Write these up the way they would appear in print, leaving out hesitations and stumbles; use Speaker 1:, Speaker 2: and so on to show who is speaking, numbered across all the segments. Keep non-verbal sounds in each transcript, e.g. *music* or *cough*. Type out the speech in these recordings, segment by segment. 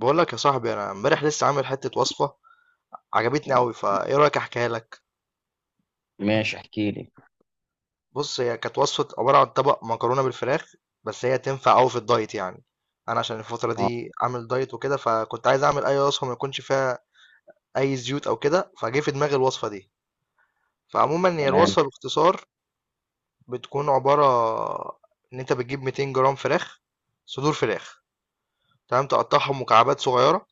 Speaker 1: بقول لك يا صاحبي، انا امبارح لسه عامل حته وصفه عجبتني قوي. فايه رايك احكيها لك؟
Speaker 2: ماشي، احكي لي.
Speaker 1: بص، هي كانت وصفه عباره عن طبق مكرونه بالفراخ، بس هي تنفع قوي في الدايت يعني. انا عشان الفتره
Speaker 2: اه،
Speaker 1: دي عامل دايت وكده، فكنت عايز اعمل اي وصفه ما يكونش فيها اي زيوت او كده، فجه في دماغي الوصفه دي. فعموما هي
Speaker 2: تمام.
Speaker 1: الوصفه باختصار بتكون عباره ان انت بتجيب 200 جرام فراخ، صدور فراخ، تمام. تقطعهم مكعبات صغيره،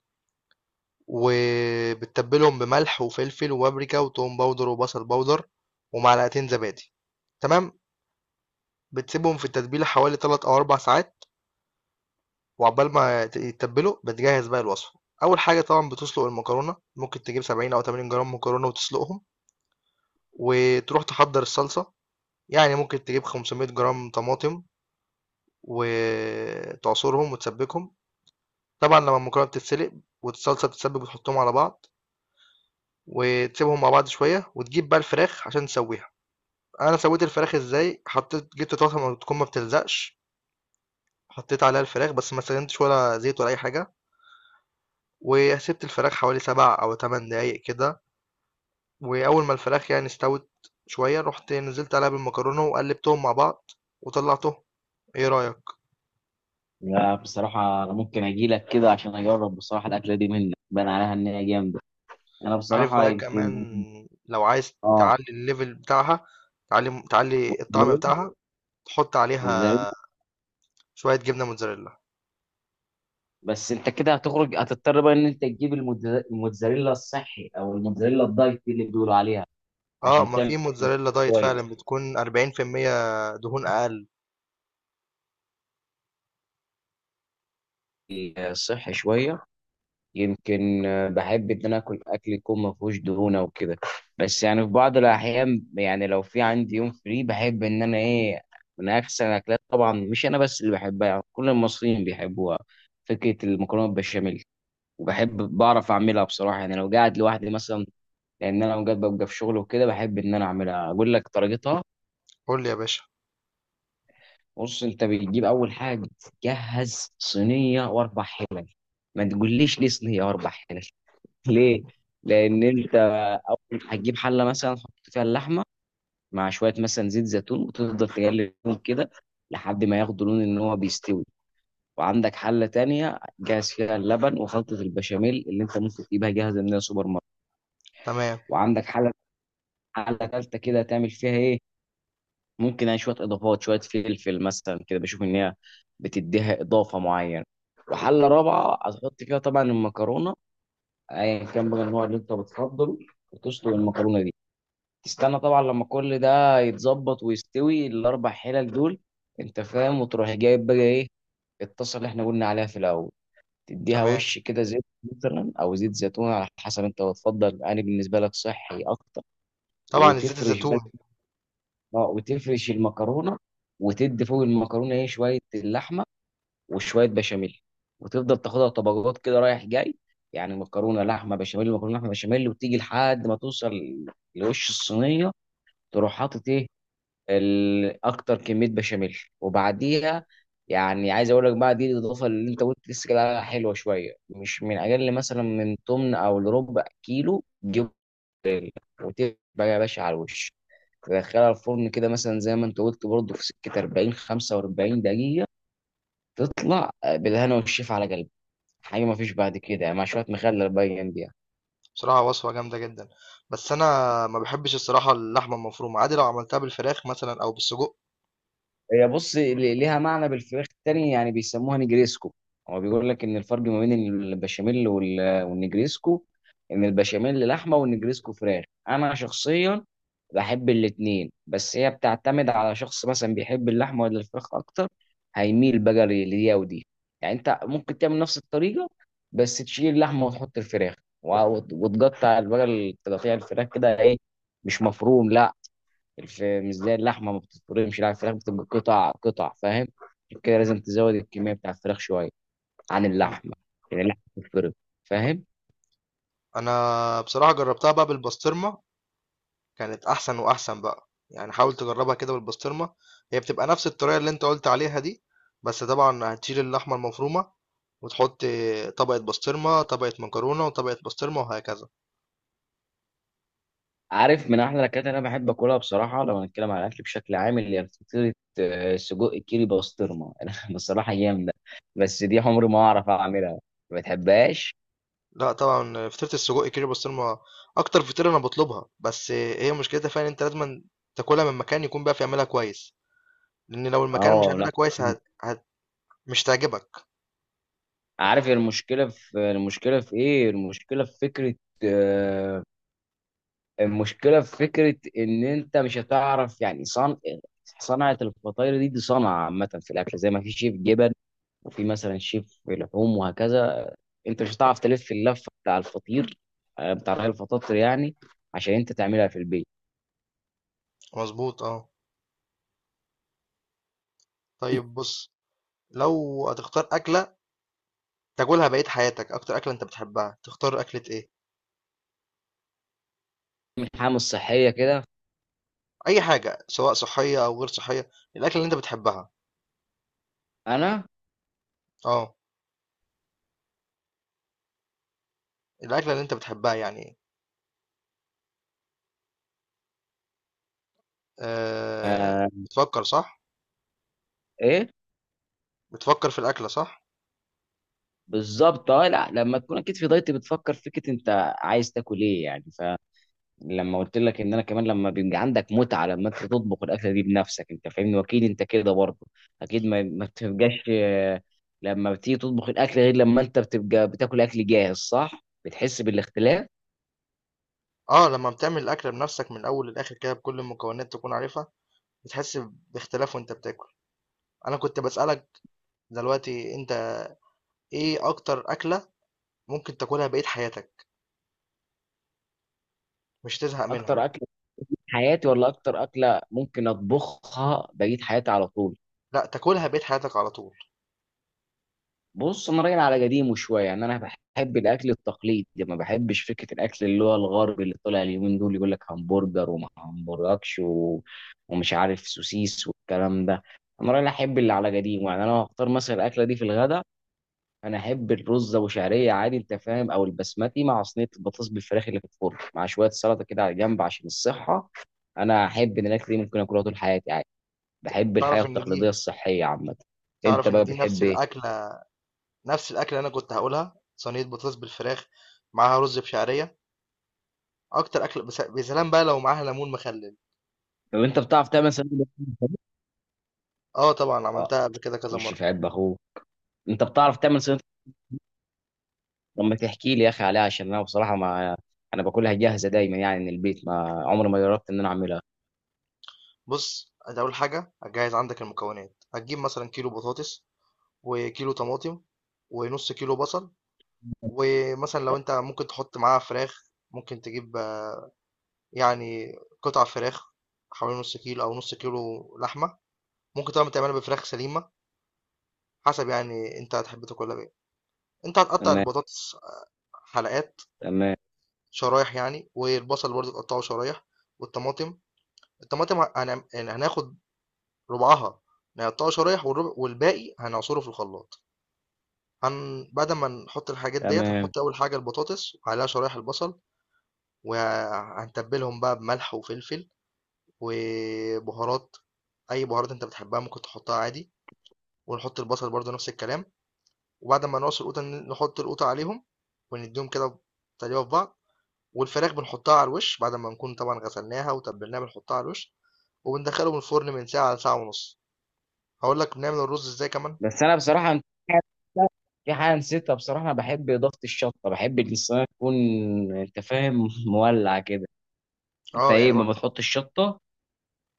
Speaker 1: وبتتبلهم بملح وفلفل وبابريكا وتوم باودر وبصل باودر ومعلقتين زبادي، تمام. بتسيبهم في التتبيله حوالي 3 او 4 ساعات، وعقبال ما يتبلوا بتجهز بقى الوصفه. اول حاجه طبعا بتسلق المكرونه، ممكن تجيب 70 او 80 جرام مكرونه وتسلقهم، وتروح تحضر الصلصه. يعني ممكن تجيب 500 جرام طماطم وتعصرهم وتسبكهم. طبعا لما المكرونه بتتسلق والصلصه بتتسبك، بتحطهم على بعض وتسيبهم مع بعض شويه، وتجيب بقى الفراخ عشان تسويها. انا سويت الفراخ ازاي؟ حطيت، جبت طاسه ما تكون ما بتلزقش، حطيت عليها الفراخ بس ما استخدمتش ولا زيت ولا اي حاجه، وسبت الفراخ حوالي سبع او تمن دقايق كده. واول ما الفراخ يعني استوت شويه، رحت نزلت عليها بالمكرونه وقلبتهم مع بعض وطلعتهم. ايه رايك؟
Speaker 2: لا، بصراحة أنا ممكن أجي لك كده عشان أجرب. بصراحة الأكلة دي منك بان عليها إن هي جامدة. أنا
Speaker 1: عارف
Speaker 2: بصراحة
Speaker 1: بقى كمان،
Speaker 2: يمكن.
Speaker 1: لو عايز
Speaker 2: اه،
Speaker 1: تعلي الليفل بتاعها، تعلي الطعم بتاعها، تحط
Speaker 2: موتزاريلا.
Speaker 1: عليها شويه جبنه موتزاريلا.
Speaker 2: بس أنت كده هتخرج، هتضطر بقى إن أنت تجيب الموتزاريلا الصحي أو الموتزاريلا الدايت اللي بيقولوا عليها
Speaker 1: اه،
Speaker 2: عشان
Speaker 1: ما في
Speaker 2: تعمل.
Speaker 1: موتزاريلا دايت فعلا،
Speaker 2: كويس.
Speaker 1: بتكون 40% دهون اقل.
Speaker 2: آه، صحي شوية. يمكن. بحب ان انا اكل اكل يكون ما فيهوش دهون او كده، بس يعني في بعض الاحيان، يعني لو في عندي يوم فري، بحب ان انا ايه، من احسن الاكلات، طبعا مش انا بس اللي بحبها، يعني كل المصريين بيحبوها، فكره المكرونه بالبشاميل. وبحب بعرف اعملها بصراحه، يعني لو قاعد لوحدي مثلا، لان انا اوقات ببقى في شغل وكده، بحب ان انا اعملها. اقول لك طريقتها.
Speaker 1: قول لي يا باشا.
Speaker 2: بص، انت بتجيب اول حاجه، جهز صينيه واربع حلل. ما تقوليش ليه صينيه واربع حلل؟ ليه؟ لأن أنت أول هتجيب حلة مثلا تحط فيها اللحمة مع شوية مثلا زيت زيتون، وتفضل تقلبهم كده لحد ما ياخدوا لون إن هو بيستوي. وعندك حلة تانية جاهز فيها اللبن وخلطة البشاميل اللي أنت ممكن تجيبها جاهزة من السوبر ماركت.
Speaker 1: تمام.
Speaker 2: وعندك حلة تالتة كده تعمل فيها إيه؟ ممكن يعني شوية إضافات، شوية فلفل مثلا كده، بشوف إن هي بتديها إضافة معينة. وحلة رابعة هتحط فيها طبعا المكرونة أيا كان بقى النوع اللي أنت بتفضله، وتسلق المكرونة دي. تستنى طبعا لما كل ده يتظبط ويستوي الاربع حلل دول، انت فاهم، وتروح جايب بقى ايه، الطاسه اللي احنا قلنا عليها في الاول، تديها
Speaker 1: تمام،
Speaker 2: وش كده زيت مثلا او زيت زيتون على حسب انت بتفضل. انا بالنسبه لك صحي اكتر.
Speaker 1: طبعا زيت
Speaker 2: وتفرش بقى،
Speaker 1: الزيتون.
Speaker 2: اه، وتفرش المكرونه، وتدي فوق المكرونه ايه شويه اللحمه وشويه بشاميل، وتفضل تاخدها طبقات كده رايح جاي، يعني مكرونه لحمه بشاميل مكرونه لحمه بشاميل، وتيجي لحد ما توصل لوش الصينيه تروح حاطط ايه، اكتر كميه بشاميل، وبعديها يعني عايز اقول لك بقى دي الاضافه اللي انت قلت لسه كده عليها، حلوه شويه، مش من اقل مثلا من تمن او لربع كيلو جبن، وتبقى يا باشا على الوش. تدخلها الفرن كده مثلا زي ما انت قلت برضه في سكه 40 45 دقيقه، تطلع بالهنا والشفا على قلبك. حاجه ما فيش بعد كده، مع شويه مخلل بقى جنبيها.
Speaker 1: بصراحة وصفة جامدة جدا، بس أنا ما بحبش الصراحة اللحمة المفرومة. عادي لو عملتها بالفراخ مثلا أو بالسجق.
Speaker 2: هي بص ليها معنى بالفراخ التاني يعني بيسموها نجريسكو. هو بيقول لك ان الفرق ما بين البشاميل والنجريسكو ان البشاميل لحمه والنجريسكو فراخ. انا شخصيا بحب الاتنين، بس هي بتعتمد على شخص مثلا بيحب اللحمه ولا الفراخ اكتر، هيميل بقى لدي ودي. يعني انت ممكن تعمل نفس الطريقه بس تشيل اللحمه وتحط الفراخ، وتقطع بقى تقطيع الفراخ كده ايه، مش مفروم، لا، مش زي اللحمه ما بتتفرمش، لا، الفراخ بتبقى قطع قطع، فاهم. عشان كده لازم تزود الكميه بتاع الفراخ شويه عن اللحمه، لان اللحمه بتتفرم، فاهم.
Speaker 1: أنا بصراحة جربتها بقى بالبسطرمة، كانت أحسن وأحسن بقى، يعني حاول تجربها كده بالبسطرمة. هي بتبقى نفس الطريقة اللي أنت قلت عليها دي، بس طبعا هتشيل اللحمة المفرومة وتحط طبقة بسطرمة، طبقة مكرونة، وطبقة بسطرمة، وهكذا.
Speaker 2: عارف من احلى الاكلات اللي انا بحب اكلها بصراحه، لو هنتكلم على الاكل بشكل عام، اللي هي فطيره سجق كيري بسطرمه، *laughs* انا بصراحه جامده، بس دي عمري ما اعرف اعملها. ما بتحبهاش.
Speaker 1: لا طبعا، فطيرة السجق كيري بسطرمة اكتر فطيرة انا بطلبها، بس هي مشكلتها فعلا انت لازم تاكلها من مكان يكون بقى بيعملها كويس، لان لو المكان مش
Speaker 2: اه، لا.
Speaker 1: عاملها كويس مش تعجبك.
Speaker 2: عارف المشكله في، المشكله في ايه المشكله في فكره، آه، المشكله في فكره ان انت مش هتعرف يعني صنعه الفطاير دي. دي صنعه عامه في الاكل زي ما في شيف جبن وفي مثلا شيف لحوم وهكذا. انت مش هتعرف تلف اللفه بتاع الفطير، بتاع رغيف الفطاطر يعني، عشان انت تعملها في البيت.
Speaker 1: مظبوط اه. طيب بص، لو هتختار اكلة تاكلها بقية حياتك، اكتر اكلة انت بتحبها، تختار اكلة ايه؟
Speaker 2: من حاجه مش صحيه كده.
Speaker 1: اي حاجة، سواء صحية او غير صحية، الاكلة اللي انت بتحبها.
Speaker 2: انا.
Speaker 1: اه، الاكلة اللي انت بتحبها يعني.
Speaker 2: آه.
Speaker 1: بتفكر صح؟
Speaker 2: ايه.
Speaker 1: بتفكر في الاكلة صح؟
Speaker 2: بالظبط. اه، لا، لما تكون اكيد في دايت بتفكر فكره انت عايز تاكل ايه يعني. لما قلت لك ان انا كمان لما بيبقى عندك متعه لما انت تطبخ الاكله دي بنفسك، انت فاهمني، واكيد انت كده برضه، اكيد ما بتبقاش، لما بتيجي تطبخ الاكل غير لما انت بتبقى بتاكل اكل جاهز، صح، بتحس بالاختلاف.
Speaker 1: آه، لمّا بتعمل الأكلة بنَفْسك من الأول للآخِر كده بكل المكونات تكون عارفها، بتحس باختلاف وأنت بتاكل. أنا كنت باسألك دلوقتي، أنت إيه أكتر أكلة ممكن تاكلها بقية حياتك مش تزهق منها؟
Speaker 2: اكتر اكل في حياتي، ولا اكتر اكله ممكن اطبخها بقيت حياتي على طول؟
Speaker 1: لأ، تاكلها بقية حياتك على طول.
Speaker 2: بص انا راجل على قديمه شويه، يعني انا بحب الاكل التقليدي، ما بحبش فكره الاكل اللي هو الغربي اللي طلع اليومين دول يقول لك همبرجر وما همبرجكش و... ومش عارف سوسيس والكلام ده. انا راجل احب اللي على قديمه، يعني انا لو هختار مثلا الاكله دي في الغداء، انا احب الرز ابو شعريه عادي، انت فاهم، او البسمتي، مع صينيه البطاطس بالفراخ اللي في الفرن، مع شويه سلطه كده على جنب عشان الصحه. انا احب ان الاكل دي ممكن اكلها طول حياتي عادي. بحب الحياه
Speaker 1: تعرف إن
Speaker 2: التقليديه
Speaker 1: دي
Speaker 2: الصحيه عامه. انت
Speaker 1: تعرف إن
Speaker 2: بقى
Speaker 1: دي
Speaker 2: بتحب إيه؟
Speaker 1: نَفْس الأكلة اللي أنا كنت هاقولها، صينية بطاطس بالفراخ معاها رُز بشعرية، أكتر أكلة. بس يا سلام بقى لو معاها ليمون مخلِّل.
Speaker 2: لو انت بتعرف تعمل صينيه لحمة.
Speaker 1: آه طبعًا،
Speaker 2: اه.
Speaker 1: عملتها قبل كده كذا
Speaker 2: وش
Speaker 1: مرّة.
Speaker 2: في عيب اخوه، انت بتعرف تعمل صينيه لحمة؟ لما تحكي لي يا اخي عليها، عشان انا بصراحه ما، انا باكلها جاهزه دايما يعني من البيت، ما عمري ما جربت ان انا اعملها.
Speaker 1: بُص، أنت أول حاجة هتجهّز عندك المكونات، هتجيب مثلًا كيلو بطاطس وكيلو طماطم ونص كيلو بصل، ومثلا لو انت ممكن تحط معاها فراخ، ممكن تجيب آه، يعني قطع فراخ حوالي نص كيلو، او نص كيلو لحمه. ممكن طبعا تعملها بفراخ سليمه، حسب يعني انت هتحب تاكلها بايه. انت هتقطع
Speaker 2: تمام.
Speaker 1: البطاطس آه، حلقات،
Speaker 2: تمام.
Speaker 1: شرايح يعني، والبصل برضه تقطعه شرايح، والطماطم، الطماطم هناخد ربعها نقطعه شرايح، والربع والباقي هنعصره في الخلاط. بعد ما نحط الحاجات ديت،
Speaker 2: تمام.
Speaker 1: هنحط اول حاجه البطاطس وعليها شرايح البصل، وهنتبلهم بقى بملح وفلفل وبهارات، اي بهارات انت بتحبها ممكن تحطها عادي، ونحط البصل برضو نفس الكلام. وبعد ما نقص القوطه نحط القوطه عليهم، ونديهم كده تقليبه في بعض، والفراخ بنحطها على الوش بعد ما نكون طبعا غسلناها وتبلناها، بنحطها على الوش وبندخلهم الفرن من ساعه لساعه ونص. هقول لك بنعمل الرز ازاي كمان.
Speaker 2: بس انا بصراحه في حاجه نسيتها، بصراحه انا بحب اضافه الشطه، بحب ان الصينيه تكون، انت فاهم، *laughs* مولع كده. انت
Speaker 1: اه
Speaker 2: ايه
Speaker 1: يعني برضو،
Speaker 2: ما بتحط الشطه؟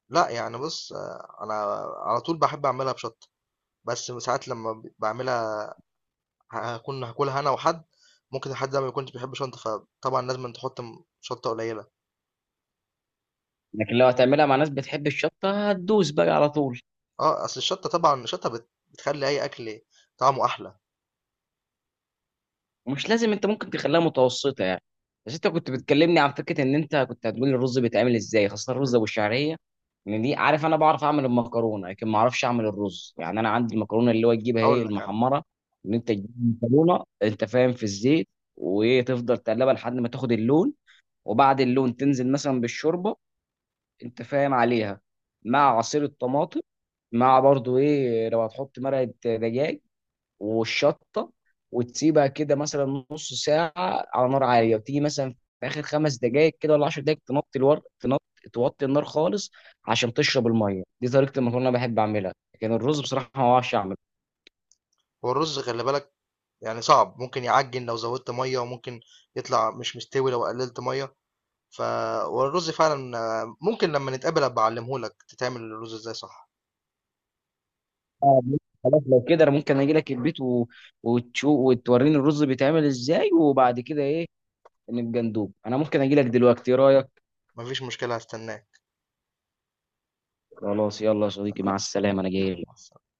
Speaker 1: لا يعني بص آه، انا على طول بحب اعملها بشطه، بس ساعات لما بعملها هاكون هاكلها أنا وحد، ممكن الحد ده ما يكونش بيحب شطة، فطبعًا لازمًا تحط م شطة قليلة.
Speaker 2: لكن لو هتعملها مع ناس بتحب الشطه هتدوس بقى على طول.
Speaker 1: آه، أصل الشطة، طبعًا الشطة بتخلّي أي أكل طعمه أحلى.
Speaker 2: مش لازم، انت ممكن تخليها متوسطه يعني. بس انت كنت بتكلمني عن فكره ان انت كنت هتقول لي الرز بيتعمل ازاي، خاصه الرز ابو الشعريه، ان دي عارف، انا بعرف اعمل المكرونه لكن ما اعرفش اعمل الرز، يعني انا عندي المكرونه اللي هو تجيبها ايه
Speaker 1: هاقول لك أنا،
Speaker 2: المحمره، ان انت تجيب المكرونه انت فاهم في الزيت، وتفضل تقلبها لحد ما تاخد اللون، وبعد اللون تنزل مثلا بالشوربه، انت فاهم عليها، مع عصير الطماطم، مع برضو ايه لو هتحط مرقه دجاج والشطه، وتسيبها كده مثلا نص ساعه على نار عاليه، وتيجي مثلا في اخر 5 دقائق كده ولا 10 دقائق تنطي الورق تنط، توطي النار خالص عشان تشرب الميه. دي طريقه المكرونه انا بحب اعملها، لكن الرز بصراحه ما بعرفش اعمله.
Speaker 1: هو الرز خلّي بالك يعني صعب، ممكن يعجِّن لو زوّدت مَيّة، وممكن يطلع مش مستوي لو قلّلت مَيّة، ف والرز فعلًا آه، ممكن لمّا نتقابل أبقى أعلّمه لك تتعمل الرز إزاي صح.
Speaker 2: آه، خلاص، لو كده انا ممكن اجي لك البيت و... وتوريني الرز بيتعمل ازاي، وبعد كده ايه نبقى ندوب. انا ممكن اجي لك دلوقتي، ايه رايك؟
Speaker 1: ما فيش مشكلة، هاستناك.
Speaker 2: خلاص يلا يا صديقي،
Speaker 1: تمام،
Speaker 2: مع السلامه، انا جاي.
Speaker 1: مع السلامة.